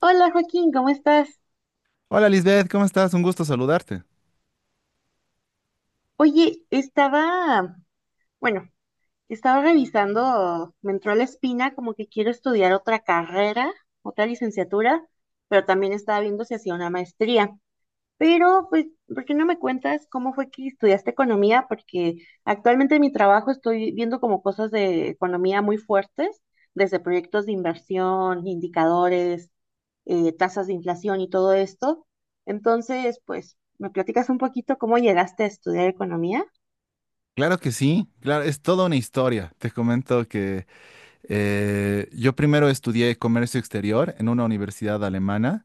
Hola Joaquín, ¿cómo estás? Hola Lisbeth, ¿cómo estás? Un gusto saludarte. Oye, estaba, bueno, estaba revisando, me entró la espina como que quiero estudiar otra carrera, otra licenciatura, pero también estaba viendo si hacía una maestría. Pero, pues, ¿por qué no me cuentas cómo fue que estudiaste economía? Porque actualmente en mi trabajo estoy viendo como cosas de economía muy fuertes, desde proyectos de inversión, indicadores, tasas de inflación y todo esto. Entonces, pues, ¿me platicas un poquito cómo llegaste a estudiar economía? Claro que sí, claro, es toda una historia. Te comento que yo primero estudié comercio exterior en una universidad alemana.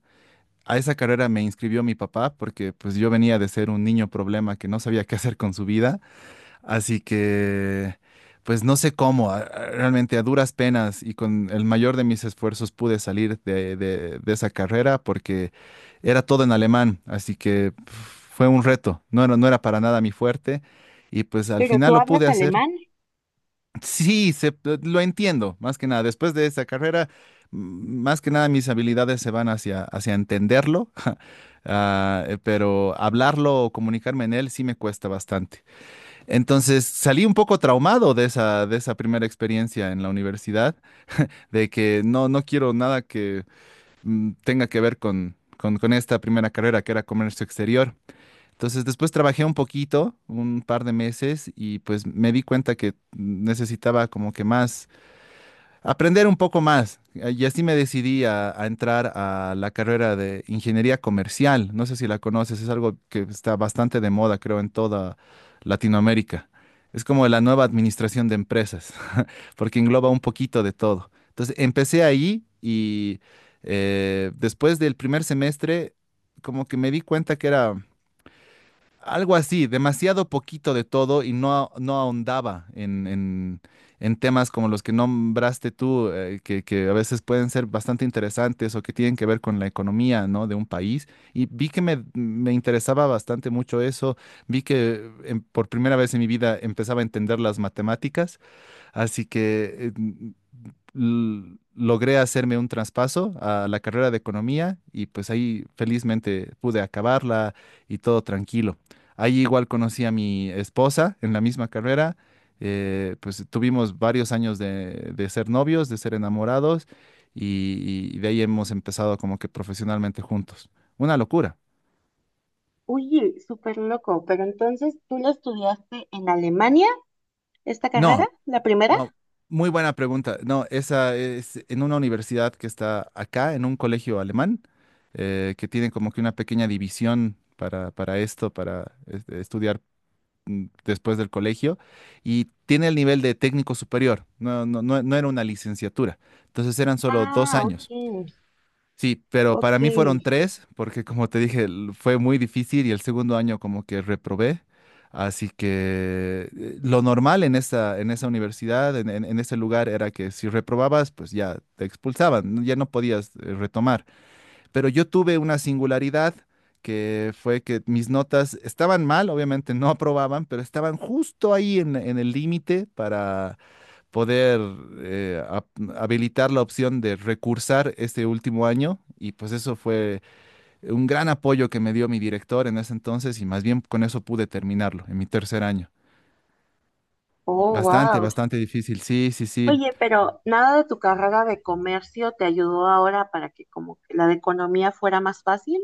A esa carrera me inscribió mi papá porque pues yo venía de ser un niño problema que no sabía qué hacer con su vida. Así que, pues no sé cómo, realmente a duras penas y con el mayor de mis esfuerzos pude salir de esa carrera porque era todo en alemán, así que pf, fue un reto, no era para nada mi fuerte y pues al Pero final tú lo hablas pude hacer. alemán. Sí, lo entiendo, más que nada, después de esa carrera, más que nada mis habilidades se van hacia entenderlo, pero hablarlo o comunicarme en él sí me cuesta bastante. Entonces salí un poco traumado de de esa primera experiencia en la universidad, de que no quiero nada que tenga que ver con esta primera carrera que era comercio exterior. Entonces después trabajé un poquito, un par de meses, y pues me di cuenta que necesitaba como que más aprender un poco más. Y así me decidí a entrar a la carrera de ingeniería comercial. No sé si la conoces, es algo que está bastante de moda, creo, en toda Latinoamérica. Es como la nueva administración de empresas, porque engloba un poquito de todo. Entonces, empecé ahí y después del primer semestre, como que me di cuenta que era algo así, demasiado poquito de todo y no ahondaba en temas como los que nombraste tú, que a veces pueden ser bastante interesantes o que tienen que ver con la economía, ¿no? De un país. Y vi que me interesaba bastante mucho eso, vi que por primera vez en mi vida empezaba a entender las matemáticas. Así que logré hacerme un traspaso a la carrera de economía y pues ahí felizmente pude acabarla y todo tranquilo. Ahí igual conocí a mi esposa en la misma carrera. Pues tuvimos varios años de ser novios, de ser enamorados y de ahí hemos empezado como que profesionalmente juntos. Una locura. Uy, súper loco. Pero entonces, ¿tú la estudiaste en Alemania, esta carrera, No, la primera? no, muy buena pregunta. No, esa es en una universidad que está acá, en un colegio alemán, que tiene como que una pequeña división para esto, para este, estudiar después del colegio, y tiene el nivel de técnico superior. No, no, no, no era una licenciatura. Entonces eran solo dos Ah, ok, años. Sí, pero ok. para mí fueron tres, porque como te dije, fue muy difícil y el segundo año como que reprobé. Así que lo normal en en esa universidad, en ese lugar, era que si reprobabas, pues ya te expulsaban, ¿no? Ya no podías retomar. Pero yo tuve una singularidad que fue que mis notas estaban mal, obviamente no aprobaban, pero estaban justo ahí en el límite para poder eh, ap- habilitar la opción de recursar este último año y pues eso fue un gran apoyo que me dio mi director en ese entonces y más bien con eso pude terminarlo en mi tercer año. Oh, Bastante, wow. bastante difícil, sí, sí, sí. Oye, pero nada de tu carrera de comercio te ayudó ahora para que como que la de economía fuera más fácil.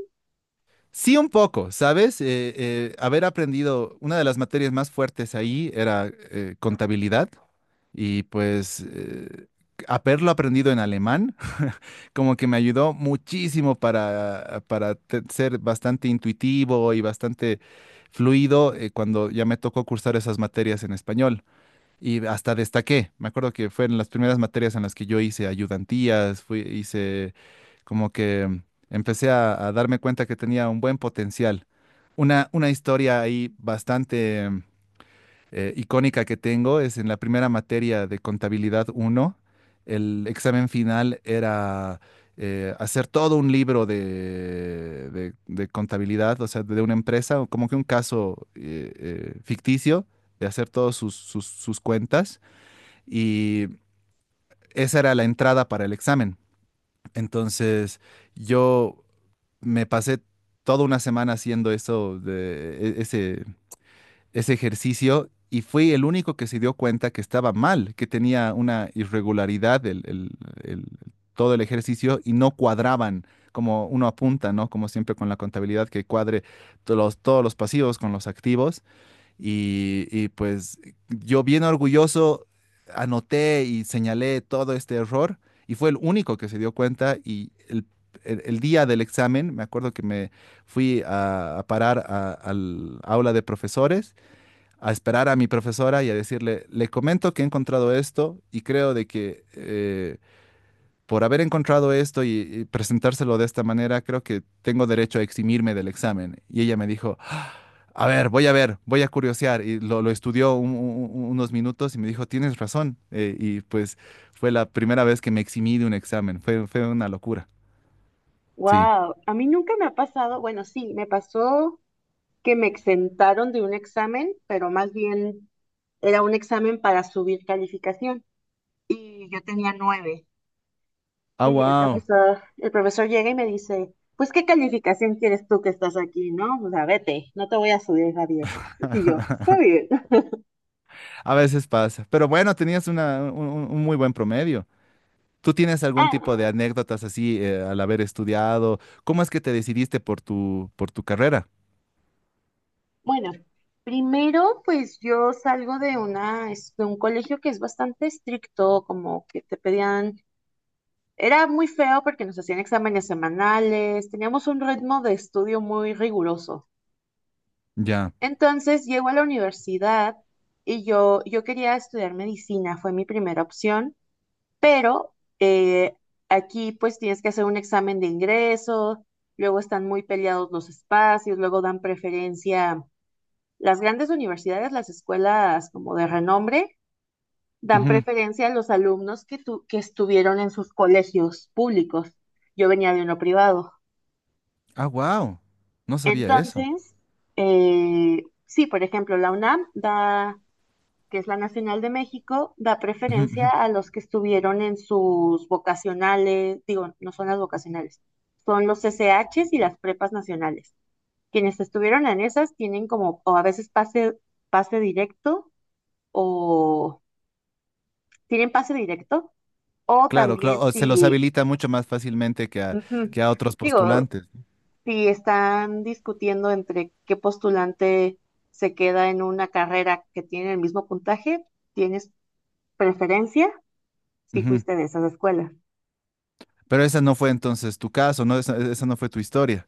Sí, un poco, ¿sabes? Haber aprendido, una de las materias más fuertes ahí era contabilidad y pues haberlo aprendido en alemán como que me ayudó muchísimo ser bastante intuitivo y bastante fluido cuando ya me tocó cursar esas materias en español. Y hasta destaqué. Me acuerdo que fueron las primeras materias en las que yo hice ayudantías, fui, hice como que empecé a darme cuenta que tenía un buen potencial. Una historia ahí bastante icónica que tengo es en la primera materia de contabilidad uno el examen final era hacer todo un libro de contabilidad, o sea, de una empresa, o como que un caso ficticio, de hacer todos sus cuentas y esa era la entrada para el examen. Entonces yo me pasé toda una semana haciendo eso de ese ejercicio y fui el único que se dio cuenta que estaba mal, que tenía una irregularidad el- todo el ejercicio y no cuadraban como uno apunta, ¿no? Como siempre con la contabilidad que cuadre todos los pasivos con los activos. Y pues yo bien orgulloso anoté y señalé todo este error y fue el único que se dio cuenta y el día del examen, me acuerdo que me fui a parar al aula de profesores a esperar a mi profesora y a decirle, le comento que he encontrado esto y creo de que por haber encontrado esto y presentárselo de esta manera, creo que tengo derecho a eximirme del examen. Y ella me dijo, "Ah, a ver, voy a ver, voy a curiosear." Y lo estudió unos minutos y me dijo, tienes razón. Y pues fue la primera vez que me eximí de un examen. Fue, fue una locura. Sí. Wow, a mí nunca me ha pasado, bueno, sí, me pasó que me exentaron de un examen, pero más bien era un examen para subir calificación y yo tenía nueve. Ah, Y wow. El profesor llega y me dice, pues, ¿qué calificación quieres tú que estás aquí, no? O sea, vete, no te voy a subir a diez. Y yo, está bien. A veces pasa. Pero bueno, tenías un muy buen promedio. ¿Tú tienes algún tipo de Ah, anécdotas así al haber estudiado? ¿Cómo es que te decidiste por por tu carrera? bueno, primero, pues yo salgo de una, de un colegio que es bastante estricto, como que te pedían, era muy feo porque nos hacían exámenes semanales, teníamos un ritmo de estudio muy riguroso. Ya. Entonces llego a la universidad y yo quería estudiar medicina, fue mi primera opción, pero eh, aquí pues tienes que hacer un examen de ingreso, luego están muy peleados los espacios, luego dan preferencia. Las grandes universidades, las escuelas como de renombre, dan Ujú. preferencia a los alumnos que, que estuvieron en sus colegios públicos. Yo venía de uno privado. Ah, wow. No sabía eso. Entonces, sí, por ejemplo, la UNAM da, que es la Nacional de México, da Ujú, ujú. preferencia a los que estuvieron en sus vocacionales, digo, no son las vocacionales, son los SHs y las prepas nacionales. Quienes estuvieron en esas tienen como, o a veces pase, pase directo o tienen pase directo o Claro, claro, también o se los si, habilita mucho más fácilmente ujú, que a otros digo, postulantes. si están discutiendo entre qué postulante se queda en una carrera que tiene el mismo puntaje, ¿tienes preferencia si Ujú. fuiste de esas escuelas? Pero esa no fue entonces tu caso, ¿no? Esa no fue tu historia.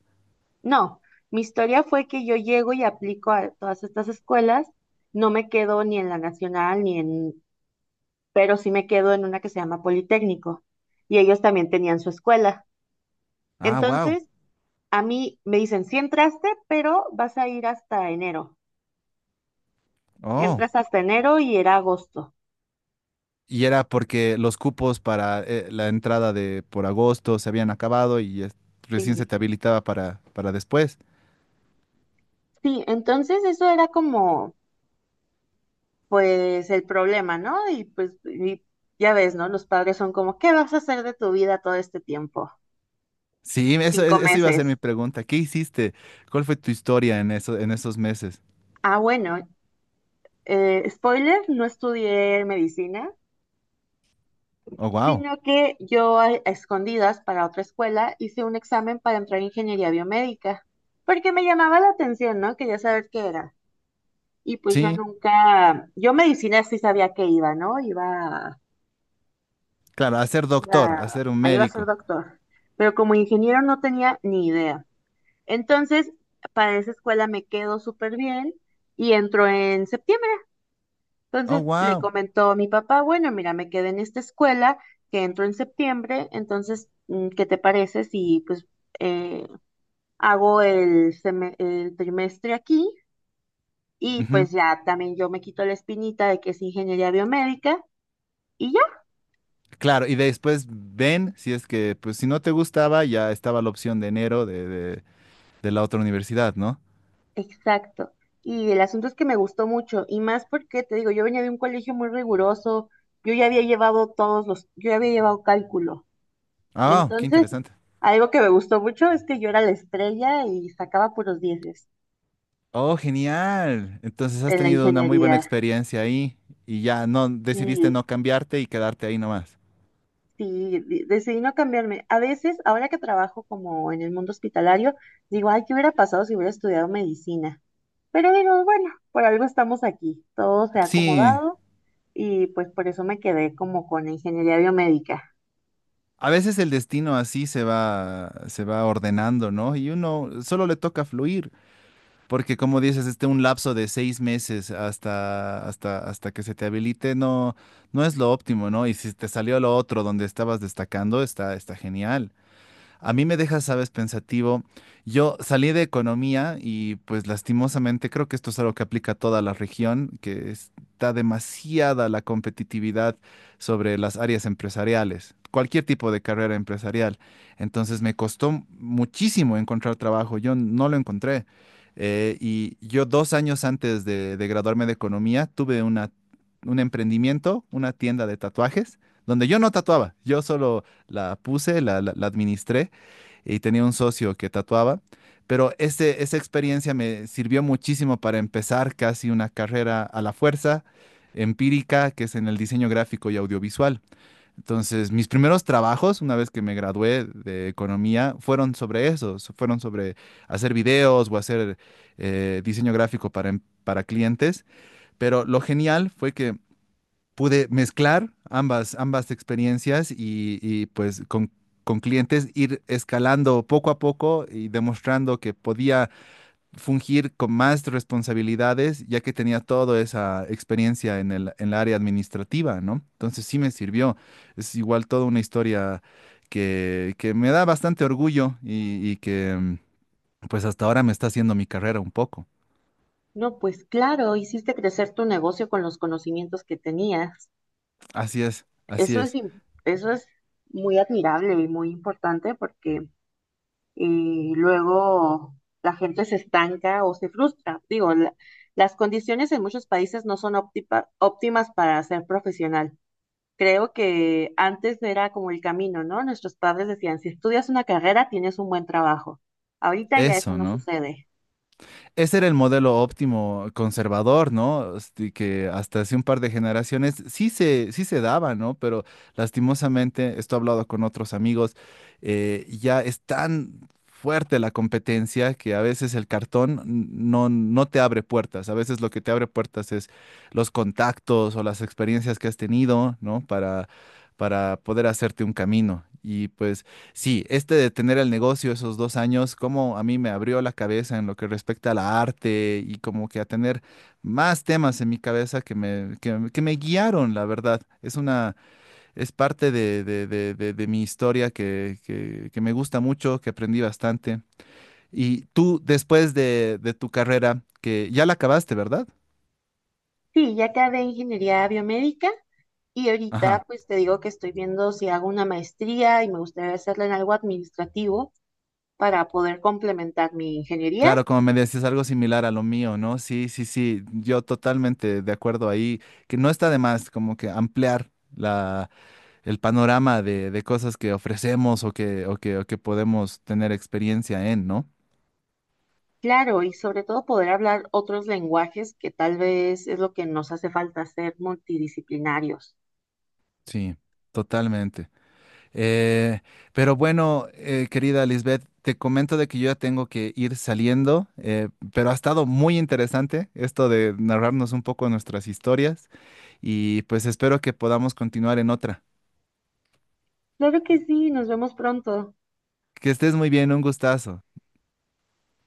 No, mi historia fue que yo llego y aplico a todas estas escuelas, no me quedo ni en la nacional ni en, pero sí me quedo en una que se llama Politécnico y ellos también tenían su escuela. Ah, wow. Entonces, a mí me dicen, sí entraste, pero vas a ir hasta enero. Oh. Entras hasta enero y era agosto. Y era porque los cupos para la entrada de por agosto se habían acabado y recién se Sí, te habilitaba para después. sí, entonces eso era como, pues, el problema, ¿no? Y pues, y ya ves, ¿no? Los padres son como, ¿qué vas a hacer de tu vida todo este tiempo? Sí, eso, Cinco eso iba a ser mi meses. pregunta. ¿Qué hiciste? ¿Cuál fue tu historia en eso, en esos meses? Ah, bueno, spoiler, no estudié medicina, Oh, wow. sino que yo a escondidas para otra escuela hice un examen para entrar en ingeniería biomédica, porque me llamaba la atención, ¿no? Quería saber qué era. Y pues yo Sí, nunca, yo medicina sí sabía que iba, ¿no? Iba, claro, a ser doctor, a iba, ser un a iba a ser médico. doctor, pero como ingeniero no tenía ni idea. Entonces, para esa escuela me quedo súper bien y entró en septiembre. Oh, Entonces le wow. comentó a mi papá, bueno, mira, me quedé en esta escuela que entro en septiembre, entonces, ¿qué te parece si pues eh, hago el, el trimestre aquí? Y pues ya también yo me quito la espinita de que es ingeniería biomédica. Y Claro, y después ven si es que, pues si no te gustaba, ya estaba la opción de enero de la otra universidad, ¿no? exacto. Y el asunto es que me gustó mucho, y más porque te digo, yo venía de un colegio muy riguroso, yo ya había llevado todos los, yo ya había llevado cálculo. Ah, oh, qué Entonces, interesante. algo que me gustó mucho es que yo era la estrella y sacaba puros dieces Oh, genial. Entonces has en la tenido una muy buena ingeniería. experiencia ahí y ya no decidiste Y no cambiarte y quedarte ahí nomás. sí, decidí no cambiarme. A veces, ahora que trabajo como en el mundo hospitalario, digo, ay, ¿qué hubiera pasado si hubiera estudiado medicina? Pero digo, bueno, por algo estamos aquí, todo se ha Sí. acomodado y pues por eso me quedé como con la ingeniería biomédica. A veces el destino así se va ordenando, ¿no? Y uno solo le toca fluir, porque como dices, este un lapso de 6 meses hasta que se te habilite no es lo óptimo, ¿no? Y si te salió lo otro donde estabas destacando, está, está genial. A mí me deja, sabes, pensativo. Yo salí de economía y pues lastimosamente creo que esto es algo que aplica a toda la región, que está demasiada la competitividad sobre las áreas empresariales, cualquier tipo de carrera empresarial. Entonces me costó muchísimo encontrar trabajo. Yo no lo encontré. Y yo 2 años antes de graduarme de economía tuve un emprendimiento, una tienda de tatuajes, donde yo no tatuaba, yo solo la puse, la administré y tenía un socio que tatuaba, pero este, esa experiencia me sirvió muchísimo para empezar casi una carrera a la fuerza empírica, que es en el diseño gráfico y audiovisual. Entonces, mis primeros trabajos, una vez que me gradué de economía, fueron sobre eso, fueron sobre hacer videos o hacer diseño gráfico para clientes, pero lo genial fue que pude mezclar ambas, ambas experiencias y, pues con clientes ir escalando poco a poco y demostrando que podía fungir con más responsabilidades, ya que tenía toda esa experiencia en el área administrativa, ¿no? Entonces sí me sirvió. Es igual toda una historia que me da bastante orgullo y que pues hasta ahora me está haciendo mi carrera un poco. No, pues claro, hiciste crecer tu negocio con los conocimientos que tenías. Así es, así es. Eso es muy admirable y muy importante porque luego la gente se estanca o se frustra. Digo, las condiciones en muchos países no son óptimas para ser profesional. Creo que antes era como el camino, ¿no? Nuestros padres decían, si estudias una carrera, tienes un buen trabajo. Ahorita ya eso Eso, no ¿no? sucede. Ese era el modelo óptimo conservador, ¿no? Este, que hasta hace un par de generaciones sí sí se daba, ¿no? Pero lastimosamente, esto he hablado con otros amigos, ya es tan fuerte la competencia que a veces el cartón no te abre puertas. A veces lo que te abre puertas es los contactos o las experiencias que has tenido, ¿no? Para poder hacerte un camino. Y pues... Sí, este de tener el negocio esos 2 años, como a mí me abrió la cabeza en lo que respecta a la arte y como que a tener más temas en mi cabeza que que me guiaron, la verdad. Es parte de mi historia que me gusta mucho, que aprendí bastante. Y tú, después de tu carrera, que ya la acabaste, ¿verdad? Sí, ya acabé ingeniería biomédica y ahorita Ajá. pues te digo que estoy viendo si hago una maestría y me gustaría hacerla en algo administrativo para poder complementar mi ingeniería. Claro, como me decías, algo similar a lo mío, ¿no? Sí, sí, sí, yo totalmente de acuerdo ahí, que no está de más como que ampliar el panorama de cosas que ofrecemos o que podemos tener experiencia en, ¿no? Claro, y sobre todo poder hablar otros lenguajes que tal vez es lo que nos hace falta ser multidisciplinarios. Sí, totalmente. Eh, pero bueno, querida Lisbeth, te comento de que yo ya tengo que ir saliendo, pero ha estado muy interesante esto de narrarnos un poco nuestras historias y pues espero que podamos continuar en otra. Claro que sí, nos vemos pronto. Que estés muy bien, un gustazo.